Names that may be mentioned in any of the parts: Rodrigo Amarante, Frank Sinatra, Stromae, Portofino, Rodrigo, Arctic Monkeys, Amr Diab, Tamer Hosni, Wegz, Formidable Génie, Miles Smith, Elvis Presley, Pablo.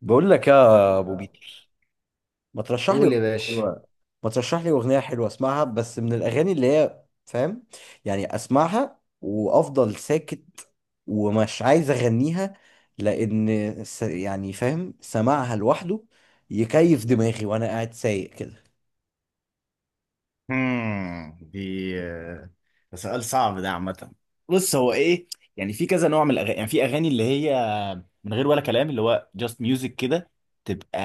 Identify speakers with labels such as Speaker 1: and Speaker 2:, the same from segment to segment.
Speaker 1: بقول لك يا ابو بيتر، ما ترشح لي أغنية
Speaker 2: قول يا باشا.
Speaker 1: حلوه ما ترشح لي اغنيه حلوه اسمعها بس من الاغاني اللي هي، فاهم؟ يعني اسمعها وافضل ساكت، ومش عايز اغنيها لان س... يعني فاهم سماعها لوحده يكيف دماغي وانا قاعد سايق كده.
Speaker 2: دي آه، ده سؤال صعب ده عامة. بص هو ايه، يعني في كذا نوع من الاغاني، يعني في اغاني اللي هي من غير ولا كلام، اللي هو just music كده، تبقى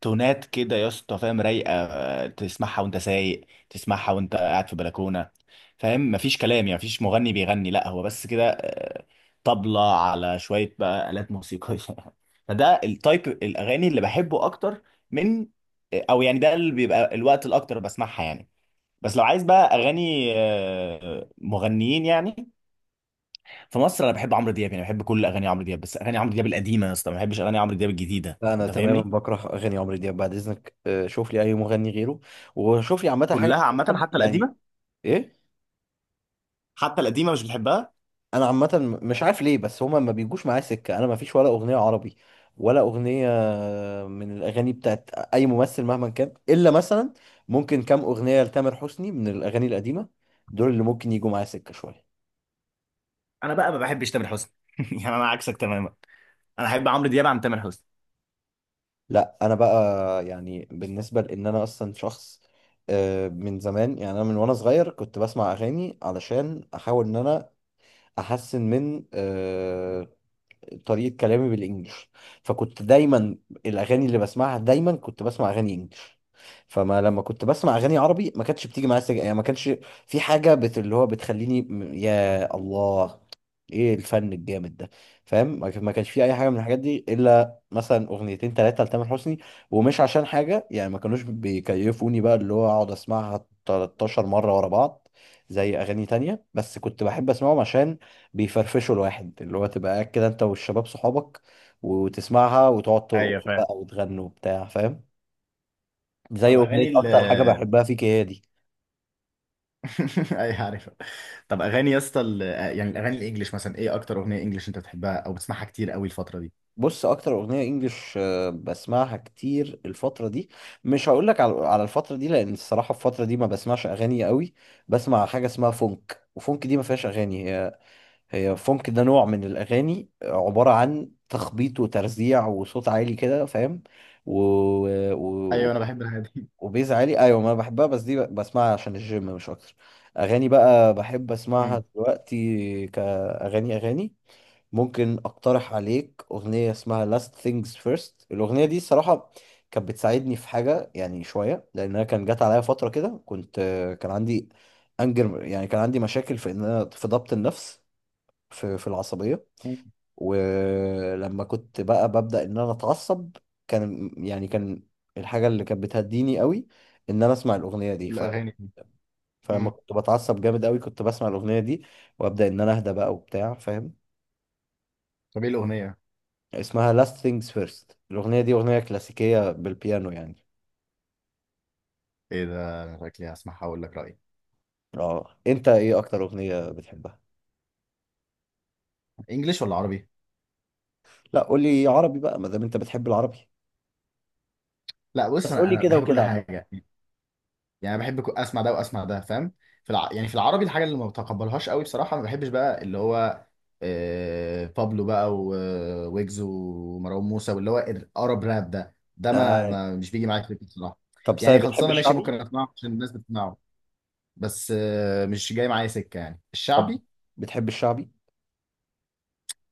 Speaker 2: تونات كده يا اسطى، فاهم؟ رايقه، تسمعها وانت سايق، تسمعها وانت قاعد في بلكونه، فاهم؟ مفيش كلام يعني، مفيش مغني بيغني، لا هو بس كده، طبلة على شويه بقى آلات موسيقيه. فده التايب الاغاني اللي بحبه اكتر من او، يعني ده اللي بيبقى الوقت الاكتر بسمعها يعني. بس لو عايز بقى اغاني، مغنيين يعني، في مصر انا بحب عمرو دياب، يعني بحب كل اغاني عمرو دياب، بس اغاني عمرو دياب القديمه يا اسطى، ما بحبش اغاني عمرو دياب الجديده،
Speaker 1: لا، انا
Speaker 2: انت
Speaker 1: تماما
Speaker 2: فاهمني؟
Speaker 1: بكره اغاني عمرو دياب بعد اذنك. شوف لي اي مغني غيره، وشوف لي عامه حاجه.
Speaker 2: كلها عامه حتى
Speaker 1: يعني
Speaker 2: القديمه.
Speaker 1: ايه؟
Speaker 2: حتى القديمه مش بتحبها؟
Speaker 1: انا عامه مش عارف ليه، بس هما ما بيجوش معايا سكه. انا ما فيش ولا اغنيه عربي، ولا اغنيه من الاغاني بتاعت اي ممثل مهما كان، الا مثلا ممكن كام اغنيه لتامر حسني من الاغاني القديمه، دول اللي ممكن يجوا معايا سكه شويه.
Speaker 2: انا بقى ما بحبش تامر حسني. يعني انا عكسك تماما، انا احب عمرو دياب عن تامر حسني.
Speaker 1: لا، انا بقى يعني بالنسبه لان انا اصلا شخص من زمان. يعني انا من وانا صغير كنت بسمع اغاني علشان احاول ان انا احسن من طريقة كلامي بالانجلش، فكنت دايما الاغاني اللي بسمعها دايما كنت بسمع اغاني انجلش. فما لما كنت بسمع اغاني عربي ما كانتش بتيجي معايا سكه، يعني ما كانش في حاجة اللي هو بتخليني يا الله، ايه الفن الجامد ده. فاهم؟ ما كانش في اي حاجة من الحاجات دي، الا مثلا اغنيتين ثلاثة لتامر حسني. ومش عشان حاجة يعني، ما كانوش بيكيفوني بقى اللي هو اقعد اسمعها 13 مرة ورا بعض زي اغاني تانية، بس كنت بحب اسمعهم عشان بيفرفشوا الواحد، اللي هو تبقى قاعد كده انت والشباب صحابك وتسمعها وتقعد
Speaker 2: ايوه
Speaker 1: ترقص
Speaker 2: فاهم.
Speaker 1: بقى وتغنوا وبتاع. فاهم؟ زي
Speaker 2: طب
Speaker 1: اغنية
Speaker 2: اغاني ال
Speaker 1: اكتر حاجة بحبها فيك، هي دي.
Speaker 2: ايوه عارفها. طب اغاني يا اسطى يعني الاغاني الانجليش مثلا، ايه اكتر اغنيه انجليش انت بتحبها او بتسمعها كتير قوي الفتره دي؟
Speaker 1: بص، اكتر اغنية انجلش بسمعها كتير الفترة دي، مش هقول لك على الفترة دي لان الصراحة الفترة دي ما بسمعش اغاني قوي. بسمع حاجة اسمها فونك، وفونك دي ما فيهاش اغاني. هي فونك ده نوع من الاغاني عبارة عن تخبيط وترزيع وصوت عالي كده، فاهم؟ و...
Speaker 2: ايوه
Speaker 1: و...
Speaker 2: انا بحب الحاجات دي.
Speaker 1: وبيز عالي. ايوه، ما أنا بحبها، بس دي بسمعها عشان الجيم مش اكتر. اغاني بقى بحب اسمعها
Speaker 2: مم.
Speaker 1: دلوقتي كاغاني اغاني، ممكن اقترح عليك اغنيه اسمها Last Things First. الاغنيه دي الصراحه كانت بتساعدني في حاجه يعني شويه، لانها كان جات عليا فتره كده كنت كان عندي انجر. يعني كان عندي مشاكل في ان انا في ضبط النفس، في العصبيه.
Speaker 2: مم.
Speaker 1: ولما كنت بقى ببدأ ان انا اتعصب كان يعني كان الحاجة اللي كانت بتهديني قوي ان انا اسمع الاغنية دي.
Speaker 2: الأغاني دي.
Speaker 1: فلما
Speaker 2: مم.
Speaker 1: كنت بتعصب جامد قوي كنت بسمع الاغنية دي وابدأ ان انا اهدى بقى وبتاع، فاهم؟
Speaker 2: طب إيه الأغنية؟
Speaker 1: اسمها Last Things First، الاغنية دي اغنية كلاسيكية بالبيانو يعني.
Speaker 2: إيه ده، أنا شكلي هسمعها وأقول لك رأيي.
Speaker 1: اه، انت ايه اكتر اغنية بتحبها؟
Speaker 2: إنجليش ولا عربي؟
Speaker 1: لا، قولي عربي بقى ما دام انت بتحب العربي،
Speaker 2: لا بص،
Speaker 1: بس
Speaker 2: أنا
Speaker 1: قولي
Speaker 2: أنا
Speaker 1: كده
Speaker 2: بحب كل
Speaker 1: وكده عامة.
Speaker 2: حاجة، يعني بحب أسمع ده وأسمع ده، فاهم؟ في يعني في العربي، الحاجة اللي ما بتقبلهاش قوي بصراحة، ما بحبش بقى اللي هو بابلو بقى ويجز ومروان موسى، واللي هو الأرب راب ده، ده ما...
Speaker 1: آه.
Speaker 2: ما مش بيجي معايا سكة بصراحة.
Speaker 1: طب سامي،
Speaker 2: يعني
Speaker 1: بتحب
Speaker 2: خلصانة ماشي، ممكن
Speaker 1: الشعبي؟
Speaker 2: أسمعه عشان الناس بتسمعه، بس مش جاي معايا سكة يعني
Speaker 1: طب
Speaker 2: الشعبي.
Speaker 1: بتحب الشعبي؟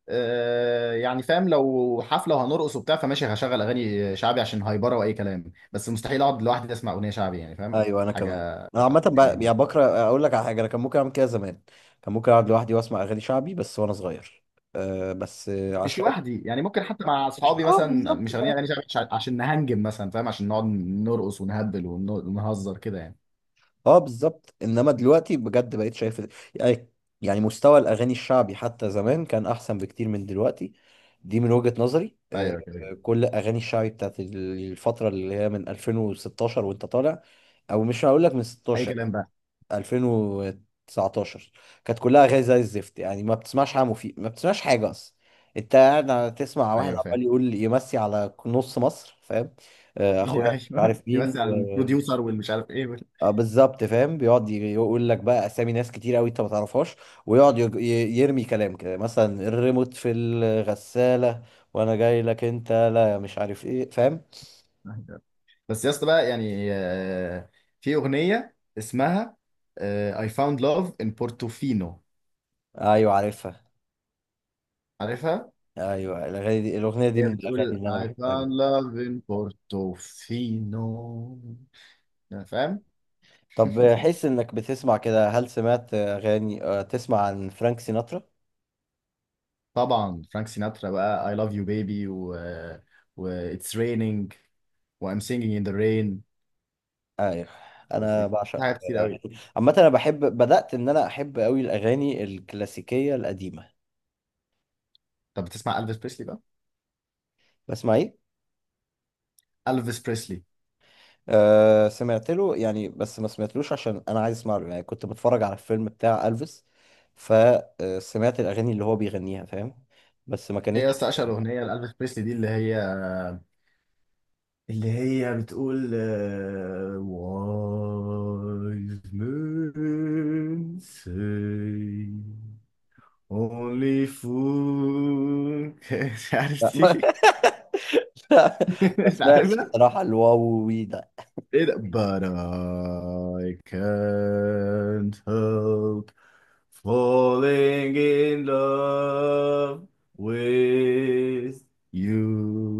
Speaker 2: يعني فاهم، لو حفله وهنرقص وبتاع فماشي، هشغل اغاني شعبي عشان هايبره واي كلام، بس مستحيل اقعد لوحدي اسمع اغنيه شعبي يعني، فاهم
Speaker 1: ايوه، انا كمان.
Speaker 2: حاجه
Speaker 1: انا عامه
Speaker 2: عشوائية يعني؟
Speaker 1: يعني بكره اقول لك على حاجه، انا كان ممكن اعمل كده زمان، كان ممكن اقعد لوحدي واسمع اغاني شعبي بس وانا صغير، أه بس
Speaker 2: مش
Speaker 1: عشان
Speaker 2: لوحدي يعني، ممكن حتى مع اصحابي
Speaker 1: اه
Speaker 2: مثلا،
Speaker 1: بالظبط،
Speaker 2: مش شغالين
Speaker 1: فاهم.
Speaker 2: اغاني شعبي عشان نهنجم مثلا فاهم، عشان نقعد نرقص ونهبل ونهزر كده يعني.
Speaker 1: اه بالظبط، انما دلوقتي بجد بقيت شايف يعني، يعني مستوى الاغاني الشعبي حتى زمان كان احسن بكتير من دلوقتي، دي من وجهة نظري.
Speaker 2: ايوه كده كده.
Speaker 1: كل اغاني الشعبي بتاعت الفتره اللي هي من 2016 وانت طالع، او مش هقول لك من
Speaker 2: اي
Speaker 1: 16،
Speaker 2: كلام بقى.
Speaker 1: 2019 كانت كلها اغاني زي الزفت. يعني ما بتسمعش حاجه مفيد، ما بتسمعش حاجه اصلا. انت قاعد تسمع واحد
Speaker 2: ايوه
Speaker 1: عمال
Speaker 2: فاهم.
Speaker 1: يقول يمسي على نص مصر، فاهم؟ اخويا مش
Speaker 2: ايوه
Speaker 1: عارف
Speaker 2: دي بس
Speaker 1: مين
Speaker 2: على البروديوسر والمش عارف ايه وال-
Speaker 1: اه بالظبط، فاهم. بيقعد يقول لك بقى اسامي ناس كتير قوي انت ما تعرفهاش، ويقعد يرمي كلام كده مثلا الريموت في الغساله، وانا جاي لك انت لا مش عارف ايه، فاهم؟
Speaker 2: بس يا اسطى بقى يعني، في اغنيه اسمها I found love in Portofino.
Speaker 1: ايوه عارفها.
Speaker 2: عارفها.
Speaker 1: ايوه الاغاني دي، الاغنيه دي
Speaker 2: هي
Speaker 1: من الاغاني
Speaker 2: بتقول
Speaker 1: اللي انا
Speaker 2: I
Speaker 1: بحبها.
Speaker 2: found love in Portofino، يعني فاهم.
Speaker 1: طب حس انك بتسمع كده، هل سمعت اغاني تسمع عن فرانك سيناترا؟
Speaker 2: طبعا فرانك سيناترا بقى، I love you baby، و It's raining، و I'm singing in the rain،
Speaker 1: ايوه، انا
Speaker 2: وفي
Speaker 1: بعشق
Speaker 2: حاجات كتير قوي.
Speaker 1: اغاني عامه. انا بحب، بدات ان انا احب قوي الاغاني الكلاسيكيه القديمه.
Speaker 2: طب بتسمع ألفيس بريسلي بقى؟
Speaker 1: بسمع ايه؟
Speaker 2: ألفيس بريسلي.
Speaker 1: أه، سمعت له يعني، بس ما سمعتلوش عشان انا عايز اسمع له يعني. كنت بتفرج على الفيلم بتاع الفيس، فسمعت الاغاني اللي هو بيغنيها، فاهم؟ بس ما
Speaker 2: هي
Speaker 1: كانتش.
Speaker 2: أصلا أشهر أغنية لألفيس بريسلي دي، اللي هي بتقول Wise men say, Only fool can- مش
Speaker 1: لا
Speaker 2: عارف
Speaker 1: ما,
Speaker 2: دي.
Speaker 1: لا. ما
Speaker 2: مش
Speaker 1: سمعتش
Speaker 2: عارفها.
Speaker 1: الصراحه. وي.
Speaker 2: ايه ده but I can't help falling in love with you.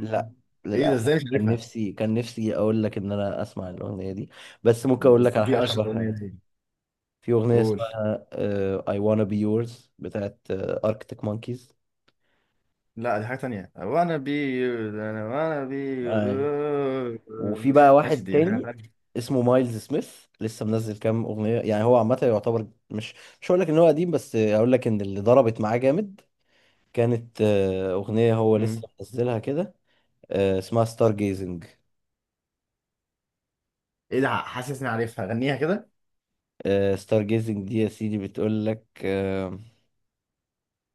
Speaker 1: لا،
Speaker 2: ايه ده،
Speaker 1: للأسف.
Speaker 2: ازاي مش
Speaker 1: كان
Speaker 2: عارفها؟
Speaker 1: نفسي كان نفسي أقول لك إن أنا أسمع الأغنية دي، بس ممكن
Speaker 2: دي
Speaker 1: أقول لك على
Speaker 2: دي
Speaker 1: حاجة
Speaker 2: اشهر
Speaker 1: شبهها
Speaker 2: اغنية
Speaker 1: يعني.
Speaker 2: دي.
Speaker 1: في أغنية
Speaker 2: قول.
Speaker 1: اسمها I Wanna Be Yours بتاعت Arctic Monkeys.
Speaker 2: لا دي حاجة تانية، وانا بي انا وانا بي.
Speaker 1: أي، وفي بقى
Speaker 2: ماشي،
Speaker 1: واحد
Speaker 2: دي حاجة
Speaker 1: تاني
Speaker 2: تانية.
Speaker 1: اسمه مايلز سميث، لسه منزل كام أغنية. يعني هو عامة يعتبر مش، مش هقول لك إن هو قديم، بس هقول لك إن اللي ضربت معاه جامد كانت أغنية هو لسه منزلها كده، اسمها ستار جيزنج.
Speaker 2: ايه ده، حاسس اني عارفها، غنيها كده.
Speaker 1: ستار جيزنج دي يا سيدي بتقول لك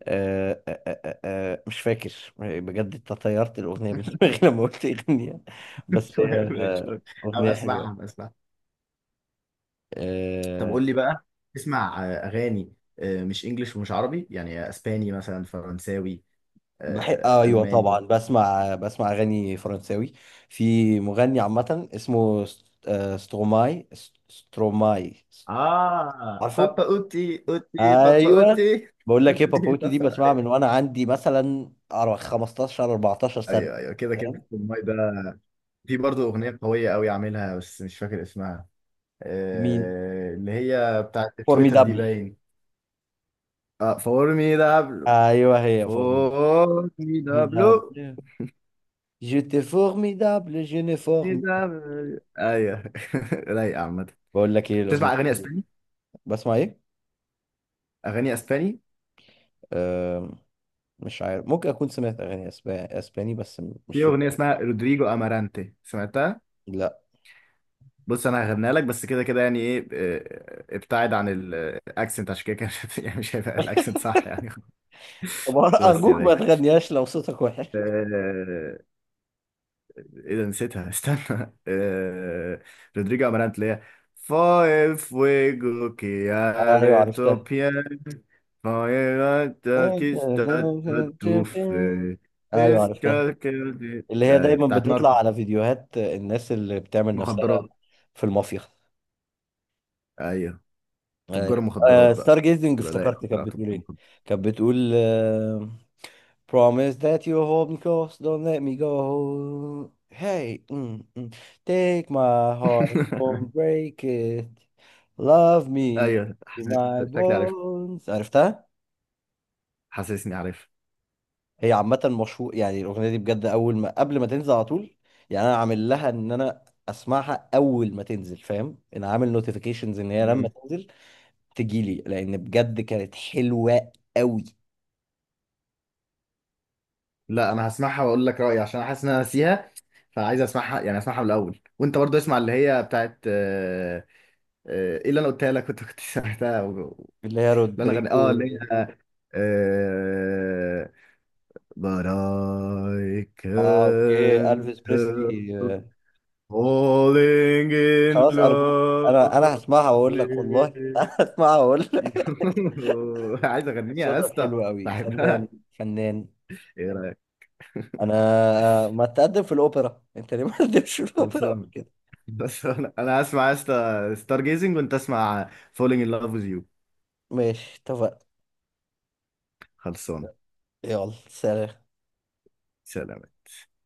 Speaker 1: آه آه آه آه آه، مش فاكر بجد، انت طيرت الأغنية من دماغي لما قلت أغنية. بس هي
Speaker 2: شوية ماشي، شوية. هبقى
Speaker 1: أغنية
Speaker 2: اسمعها،
Speaker 1: حلوة.
Speaker 2: هبقى اسمعها. طب
Speaker 1: آه.
Speaker 2: قول لي بقى، تسمع اغاني، مش انجليش ومش عربي، يعني اسباني مثلا، فرنساوي،
Speaker 1: بحب، أيوة طبعا،
Speaker 2: الماني؟
Speaker 1: بسمع أغاني فرنساوي. في مغني عامة اسمه ستروماي، ستروماي.
Speaker 2: اه
Speaker 1: عارفه؟
Speaker 2: بابا اوتي، اوتي بابا
Speaker 1: أيوة.
Speaker 2: اوتي.
Speaker 1: بقول لك إيه،
Speaker 2: أوتي،
Speaker 1: بابوتي دي
Speaker 2: بابا
Speaker 1: بسمعها من
Speaker 2: ايوه.
Speaker 1: وأنا عندي مثلا أر- 15 14 سنة،
Speaker 2: ايوه أيوة، كده كده
Speaker 1: فاهم؟
Speaker 2: في الماي ده. في برضه اغنيه قويه قوي عاملها بس مش فاكر اسمها،
Speaker 1: مين؟
Speaker 2: اللي هي بتاعت تويتر دي
Speaker 1: فورميدابل.
Speaker 2: باين. اه فور مي دابلو.
Speaker 1: أيوة هي،
Speaker 2: فور مي دابلو.
Speaker 1: فورميدابل، جيت فورميدابل، جيني فورميدابل.
Speaker 2: ايوه. رايقة عامة.
Speaker 1: بقول لك ايه الاغنيه
Speaker 2: تسمع اغاني
Speaker 1: دي؟
Speaker 2: اسباني؟
Speaker 1: بسمع ايه؟
Speaker 2: اغاني اسباني.
Speaker 1: أه، مش عارف، ممكن اكون سمعت اغاني اسباني، اسباني، بس مش
Speaker 2: في
Speaker 1: في
Speaker 2: اغنية
Speaker 1: دماغي.
Speaker 2: اسمها رودريجو امارانتي، سمعتها؟
Speaker 1: لا.
Speaker 2: بص انا هغنيها لك، بس كده كده يعني ايه، ابتعد عن الاكسنت عشان كده كده يعني مش هيبقى الاكسنت صح يعني.
Speaker 1: طب
Speaker 2: بص يا
Speaker 1: ارجوك ما
Speaker 2: باشا،
Speaker 1: تغنيهاش لو صوتك وحش.
Speaker 2: آه، ايه ده نسيتها. استنى آه... رودريجو امارانت، اللي هي فاي فويجو
Speaker 1: ايوه
Speaker 2: كيار
Speaker 1: عرفتها.
Speaker 2: توبيا، فاي تاكيستا تاتوف،
Speaker 1: ايوه عرفتها،
Speaker 2: بيسكا كيردي.
Speaker 1: اللي هي
Speaker 2: أيوة،
Speaker 1: دايما
Speaker 2: بتاعت ناركو.
Speaker 1: بتطلع على فيديوهات الناس اللي بتعمل نفسها
Speaker 2: مخدرات.
Speaker 1: في المافيا.
Speaker 2: ايوه، تجار
Speaker 1: ايوه.
Speaker 2: مخدرات
Speaker 1: آه
Speaker 2: بقى،
Speaker 1: ستار جيزنج،
Speaker 2: تبقى لايق
Speaker 1: افتكرت
Speaker 2: أكتر
Speaker 1: كانت
Speaker 2: على تجار
Speaker 1: بتقول ايه.
Speaker 2: مخدرات.
Speaker 1: كانت بتقول آه، Promise that you hold me close, don't let me go. Hey, mm, mm. Take my heart, don't break it. Love me
Speaker 2: ايوه
Speaker 1: to
Speaker 2: حاسس-
Speaker 1: my
Speaker 2: شكلي عارف،
Speaker 1: bones. عرفتها؟
Speaker 2: حاسسني عارف.
Speaker 1: هي عامة مشهور يعني الأغنية دي بجد. أول ما، قبل ما تنزل على طول يعني، أنا عامل لها إن أنا أسمعها أول ما تنزل، فاهم؟ أنا عامل نوتيفيكيشنز إن هي لما
Speaker 2: مم.
Speaker 1: تنزل تجيلي، لأن بجد كانت حلوة أوي.
Speaker 2: لا انا هسمعها واقول لك رايي، عشان حاسس ان انا ناسيها، فعايز اسمعها يعني اسمعها من الاول، وانت برضو اسمع اللي هي بتاعت ايه اللي انا قلتها لك، كنت سمعتها
Speaker 1: اللي هي
Speaker 2: اللي انا غني اه
Speaker 1: رودريجو.
Speaker 2: اللي هي آه، But I
Speaker 1: آه أوكي،
Speaker 2: can't
Speaker 1: ألفيس بريسلي.
Speaker 2: help falling in
Speaker 1: خلاص أرجوك،
Speaker 2: love
Speaker 1: أنا، أنا هسمعها وأقول لك، والله
Speaker 2: with
Speaker 1: انا هسمعها وأقول لك.
Speaker 2: you. عايز اغنيها يا
Speaker 1: صوتك
Speaker 2: اسطى،
Speaker 1: حلو أوي، فنان
Speaker 2: بحبها.
Speaker 1: فنان.
Speaker 2: ايه رايك؟
Speaker 1: أنا، ما تقدم في الأوبرا؟ أنت ليه ما تقدمش في الأوبرا قبل
Speaker 2: خلصان.
Speaker 1: كده؟
Speaker 2: بس انا، أنا هسمع يا اسطى ستار جيزنج، وانت اسمع فولينج ان لاف ويز يو.
Speaker 1: ماشي اتفقنا.
Speaker 2: خلصان.
Speaker 1: يلا سلام.
Speaker 2: سلام.